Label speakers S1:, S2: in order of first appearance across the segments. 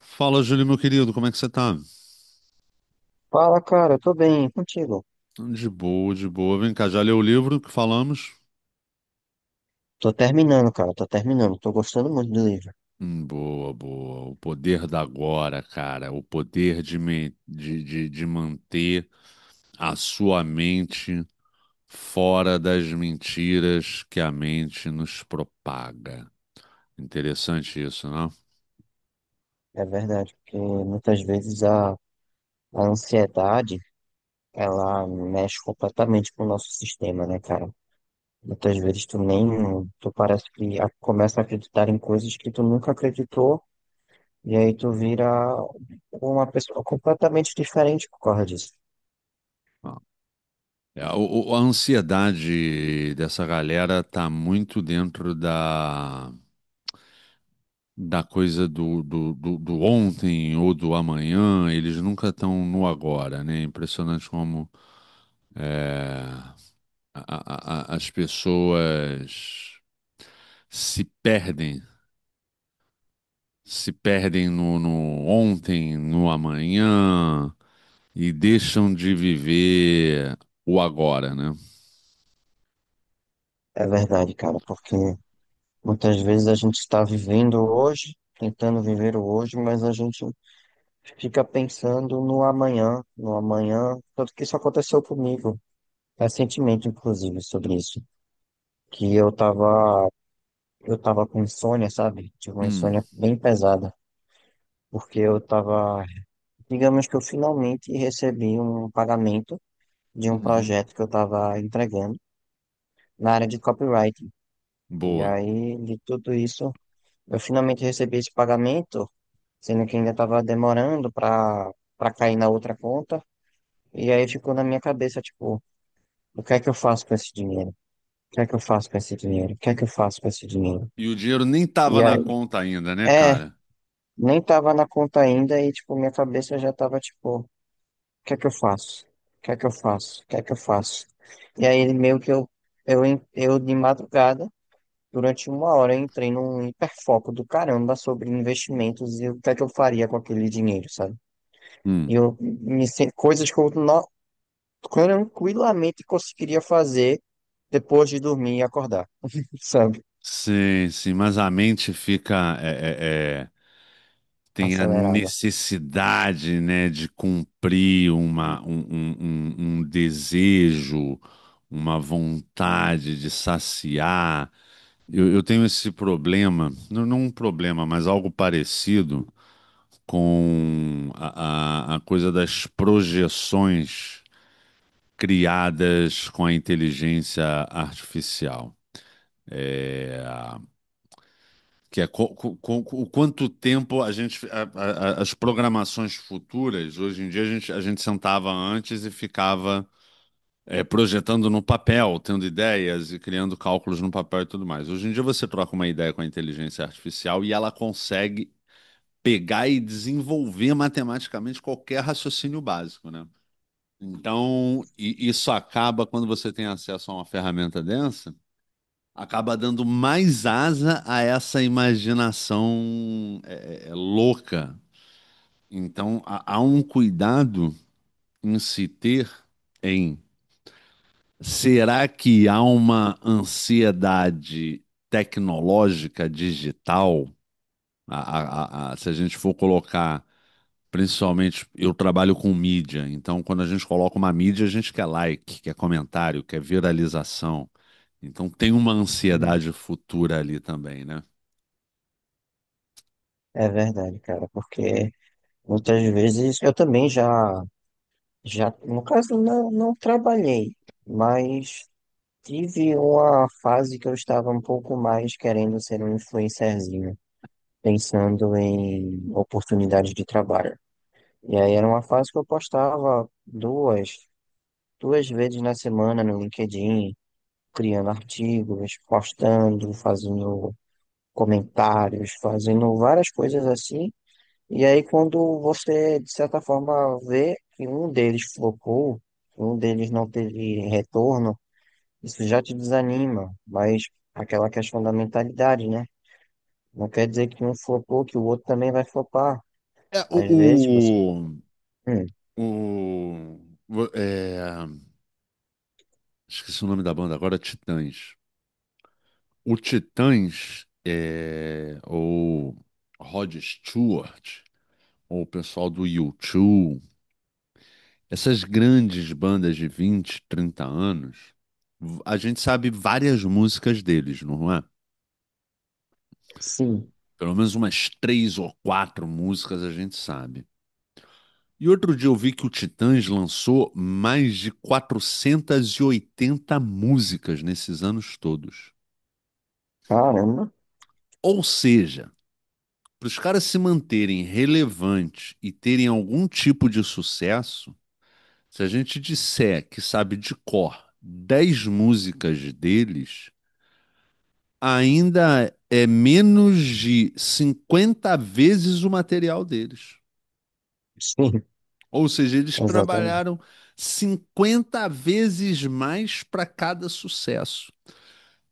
S1: Fala, Júlio, meu querido, como é que você tá?
S2: Fala, cara, eu tô bem, e contigo?
S1: De boa, de boa. Vem cá, já leu o livro que falamos?
S2: Tô terminando, cara, tô terminando. Tô gostando muito do livro.
S1: Boa, boa. O poder da agora, cara. O poder de, me- de manter a sua mente fora das mentiras que a mente nos propaga. Interessante isso, não?
S2: É verdade, porque muitas vezes a ansiedade, ela mexe completamente com o nosso sistema, né, cara? Muitas vezes tu nem, tu parece que começa a acreditar em coisas que tu nunca acreditou, e aí tu vira uma pessoa completamente diferente por causa disso.
S1: Ah. É, a ansiedade dessa galera tá muito dentro da coisa do ontem ou do amanhã, eles nunca estão no agora, né? Impressionante como é, as pessoas se perdem, se perdem no ontem, no amanhã e deixam de viver o agora, né?
S2: É verdade, cara, porque muitas vezes a gente está vivendo hoje, tentando viver o hoje, mas a gente fica pensando no amanhã, no amanhã, tanto que isso aconteceu comigo recentemente, inclusive, sobre isso, que eu tava com insônia, sabe? Tive uma
S1: Hum,
S2: insônia bem pesada, porque eu tava, digamos que eu finalmente recebi um pagamento de um
S1: uhum,
S2: projeto que eu tava entregando na área de copywriting. E
S1: boa.
S2: aí, de tudo isso, eu finalmente recebi esse pagamento, sendo que ainda tava demorando para cair na outra conta. E aí ficou na minha cabeça, tipo, o que é que eu faço com esse dinheiro? O que é que eu faço com esse dinheiro? O que é que eu faço com esse dinheiro?
S1: E o dinheiro nem tava
S2: E
S1: na
S2: aí,
S1: conta ainda, né,
S2: é,
S1: cara?
S2: nem tava na conta ainda e, tipo, minha cabeça já tava, tipo, o que é que eu faço? O que é que eu faço? O que é que eu faço? E aí, meio que eu de madrugada, durante uma hora, eu entrei num hiperfoco do caramba sobre investimentos e o que é que eu faria com aquele dinheiro, sabe? E
S1: Hum.
S2: coisas que eu no- tranquilamente conseguiria fazer depois de dormir e acordar, sabe?
S1: Sim, sim, mas a mente fica tem a
S2: Acelerada.
S1: necessidade, né, de cumprir uma, um- um desejo, uma vontade de saciar. Eu tenho esse problema, não, não um problema, mas algo parecido com a coisa das projeções criadas com a inteligência artificial. Que é o quanto tempo a gente. a- As programações futuras, hoje em dia a gente sentava antes e ficava projetando no papel, tendo ideias e criando cálculos no papel e tudo mais. Hoje em dia você troca uma ideia com a inteligência artificial e ela consegue pegar e desenvolver matematicamente qualquer raciocínio básico, né? Então, isso acaba quando você tem acesso a uma ferramenta densa, acaba dando mais asa a essa imaginação louca. Então, há um cuidado em se ter, em, será que há uma ansiedade tecnológica digital? Se a gente for colocar, principalmente, eu trabalho com mídia, então quando a gente coloca uma mídia, a gente quer like, quer comentário, quer viralização. Então tem uma
S2: Hum.
S1: ansiedade futura ali também, né?
S2: É verdade, cara, porque muitas vezes eu também no caso, não, não trabalhei, mas tive uma fase que eu estava um pouco mais querendo ser um influencerzinho, pensando em oportunidades de trabalho. E aí era uma fase que eu postava duas vezes na semana no LinkedIn, criando artigos, postando, fazendo comentários, fazendo várias coisas assim. E aí, quando você, de certa forma, vê que um deles flopou, que um deles não teve retorno, isso já te desanima. Mas aquela questão da mentalidade, né? Não quer dizer que um flopou, que o outro também vai flopar.
S1: É,
S2: Às vezes você fala, hum,
S1: o- o- é, esqueci o nome da banda agora, Titãs. O Titãs, ou Rod Stewart, ou o pessoal do U2, essas grandes bandas de 20, 30 anos, a gente sabe várias músicas deles, não é?
S2: sim,
S1: Pelo menos umas três ou quatro músicas a gente sabe. E outro dia eu vi que o Titãs lançou mais de 480 músicas nesses anos todos.
S2: caramba,
S1: Ou seja, para os caras se manterem relevantes e terem algum tipo de sucesso, se a gente disser que sabe de cor 10 músicas deles, ainda é menos de 50 vezes o material deles.
S2: sim,
S1: Ou seja, eles
S2: exatamente.
S1: trabalharam 50 vezes mais para cada sucesso.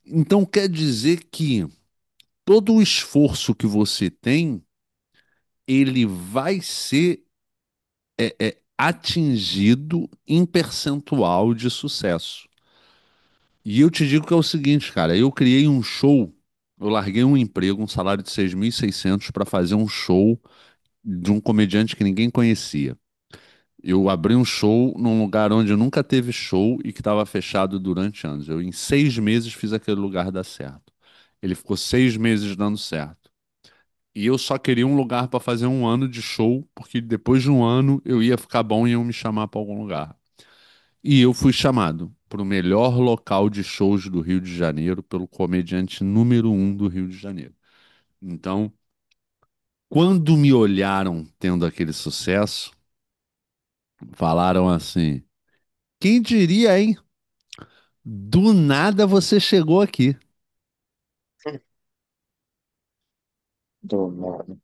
S1: Então quer dizer que todo o esforço que você tem, ele vai ser atingido em percentual de sucesso. E eu te digo que é o seguinte, cara, eu criei um show, eu larguei um emprego, um salário de 6.600 para fazer um show de um comediante que ninguém conhecia. Eu abri um show num lugar onde nunca teve show e que estava fechado durante anos. Eu, em 6 meses, fiz aquele lugar dar certo. Ele ficou 6 meses dando certo. E eu só queria um lugar para fazer um ano de show, porque depois de um ano eu ia ficar bom e iam me chamar para algum lugar. E eu fui chamado para o melhor local de shows do Rio de Janeiro pelo comediante número um do Rio de Janeiro. Então, quando me olharam tendo aquele sucesso, falaram assim: quem diria, hein? Do nada você chegou aqui.
S2: Do nada.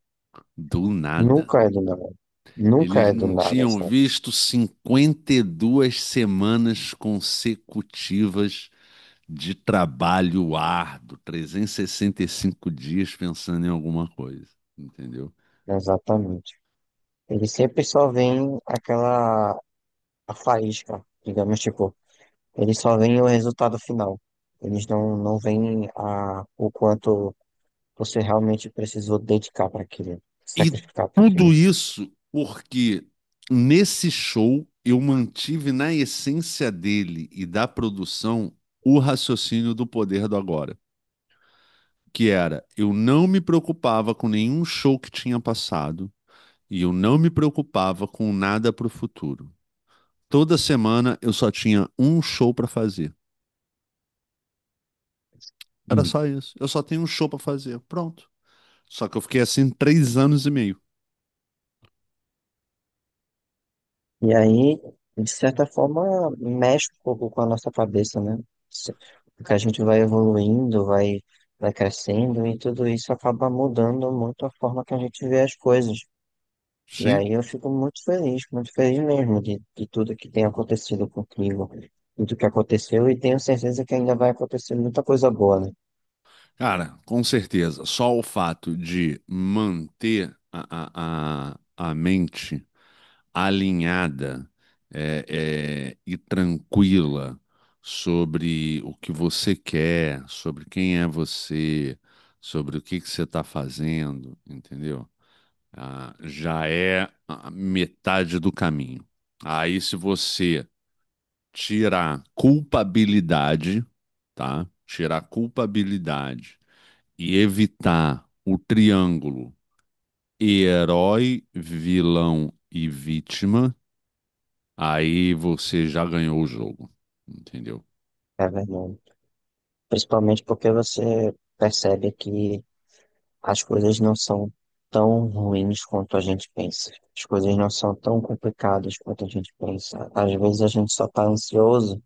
S1: Do nada.
S2: Nunca é do nada. Nunca
S1: Eles
S2: é do
S1: não
S2: nada,
S1: tinham
S2: sabe?
S1: visto 52 semanas consecutivas de trabalho árduo, 365 dias pensando em alguma coisa, entendeu?
S2: Exatamente. Ele sempre só vem aquela a faísca, digamos, tipo. Eles só veem o resultado final. Eles não veem a, o quanto você realmente precisou dedicar para aquilo,
S1: E
S2: sacrificar para
S1: tudo
S2: aquilo.
S1: isso porque nesse show eu mantive na essência dele e da produção o raciocínio do poder do agora, que era: eu não me preocupava com nenhum show que tinha passado e eu não me preocupava com nada para o futuro. Toda semana eu só tinha um show para fazer. Era
S2: Hum.
S1: só isso. Eu só tenho um show para fazer. Pronto. Só que eu fiquei assim 3 anos e meio.
S2: E aí, de certa forma, mexe um pouco com a nossa cabeça, né? Se- Porque a gente vai evoluindo, vai crescendo e tudo isso acaba mudando muito a forma que a gente vê as coisas. E
S1: Sim.
S2: aí eu fico muito feliz mesmo de tudo que tem acontecido contigo, tudo que aconteceu, e tenho certeza que ainda vai acontecer muita coisa boa, né?
S1: Cara, com certeza. Só o fato de manter a mente alinhada e tranquila sobre o que você quer, sobre quem é você, sobre o que que você está fazendo, entendeu? Ah, já é a metade do caminho. Aí, se você tirar culpabilidade, tá? Tirar culpabilidade e evitar o triângulo herói, vilão e vítima, aí você já ganhou o jogo, entendeu?
S2: É verdade. Principalmente porque você percebe que as coisas não são tão ruins quanto a gente pensa. As coisas não são tão complicadas quanto a gente pensa. Às vezes a gente só tá ansioso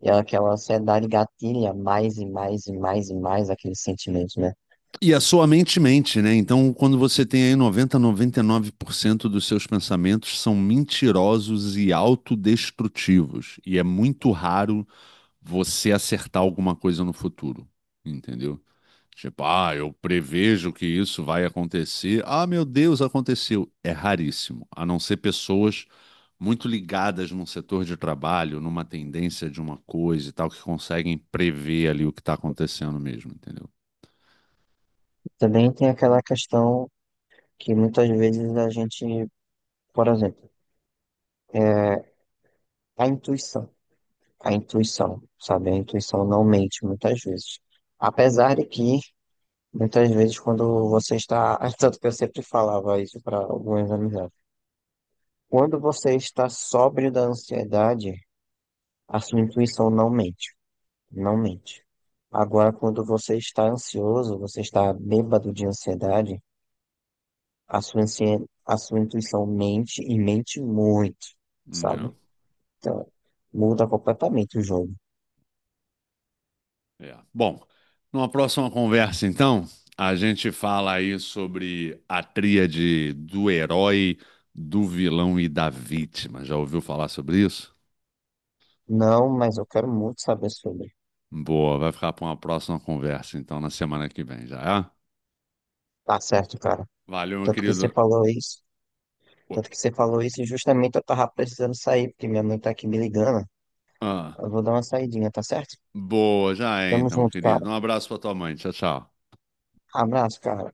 S2: e é aquela ansiedade gatilha mais e mais e mais e mais aquele sentimento, né?
S1: E a sua mente mente, né? Então, quando você tem aí 99% dos seus pensamentos são mentirosos e autodestrutivos, e é muito raro você acertar alguma coisa no futuro, entendeu? Tipo, ah, eu prevejo que isso vai acontecer. Ah, meu Deus, aconteceu. É raríssimo, a não ser pessoas muito ligadas num setor de trabalho, numa tendência de uma coisa e tal, que conseguem prever ali o que está acontecendo mesmo, entendeu?
S2: Também tem aquela questão que muitas vezes a gente... Por exemplo, é, a intuição. A intuição, sabe? A intuição não mente muitas vezes. Apesar de que, muitas vezes, quando você está... Tanto que eu sempre falava isso para algumas amizades. Quando você está sóbrio da ansiedade, a sua intuição não mente. Não mente. Agora, quando você está ansioso, você está bêbado de ansiedade, a a sua intuição mente e mente muito,
S1: É.
S2: sabe? Então, muda completamente o jogo.
S1: É. Bom, numa próxima conversa, então, a gente fala aí sobre a tríade do herói, do vilão e da vítima. Já ouviu falar sobre isso?
S2: Não, mas eu quero muito saber sobre.
S1: Boa, vai ficar para uma próxima conversa, então, na semana que vem, já é?
S2: Tá certo, cara.
S1: Valeu, meu
S2: Tanto que você
S1: querido.
S2: falou isso. Tanto que você falou isso e justamente eu tava precisando sair, porque minha mãe tá aqui me ligando.
S1: Ah,
S2: Eu vou dar uma saidinha, tá certo?
S1: boa, já é,
S2: Tamo
S1: então,
S2: junto, cara.
S1: querido. Um abraço para tua mãe. Tchau, tchau.
S2: Abraço, cara.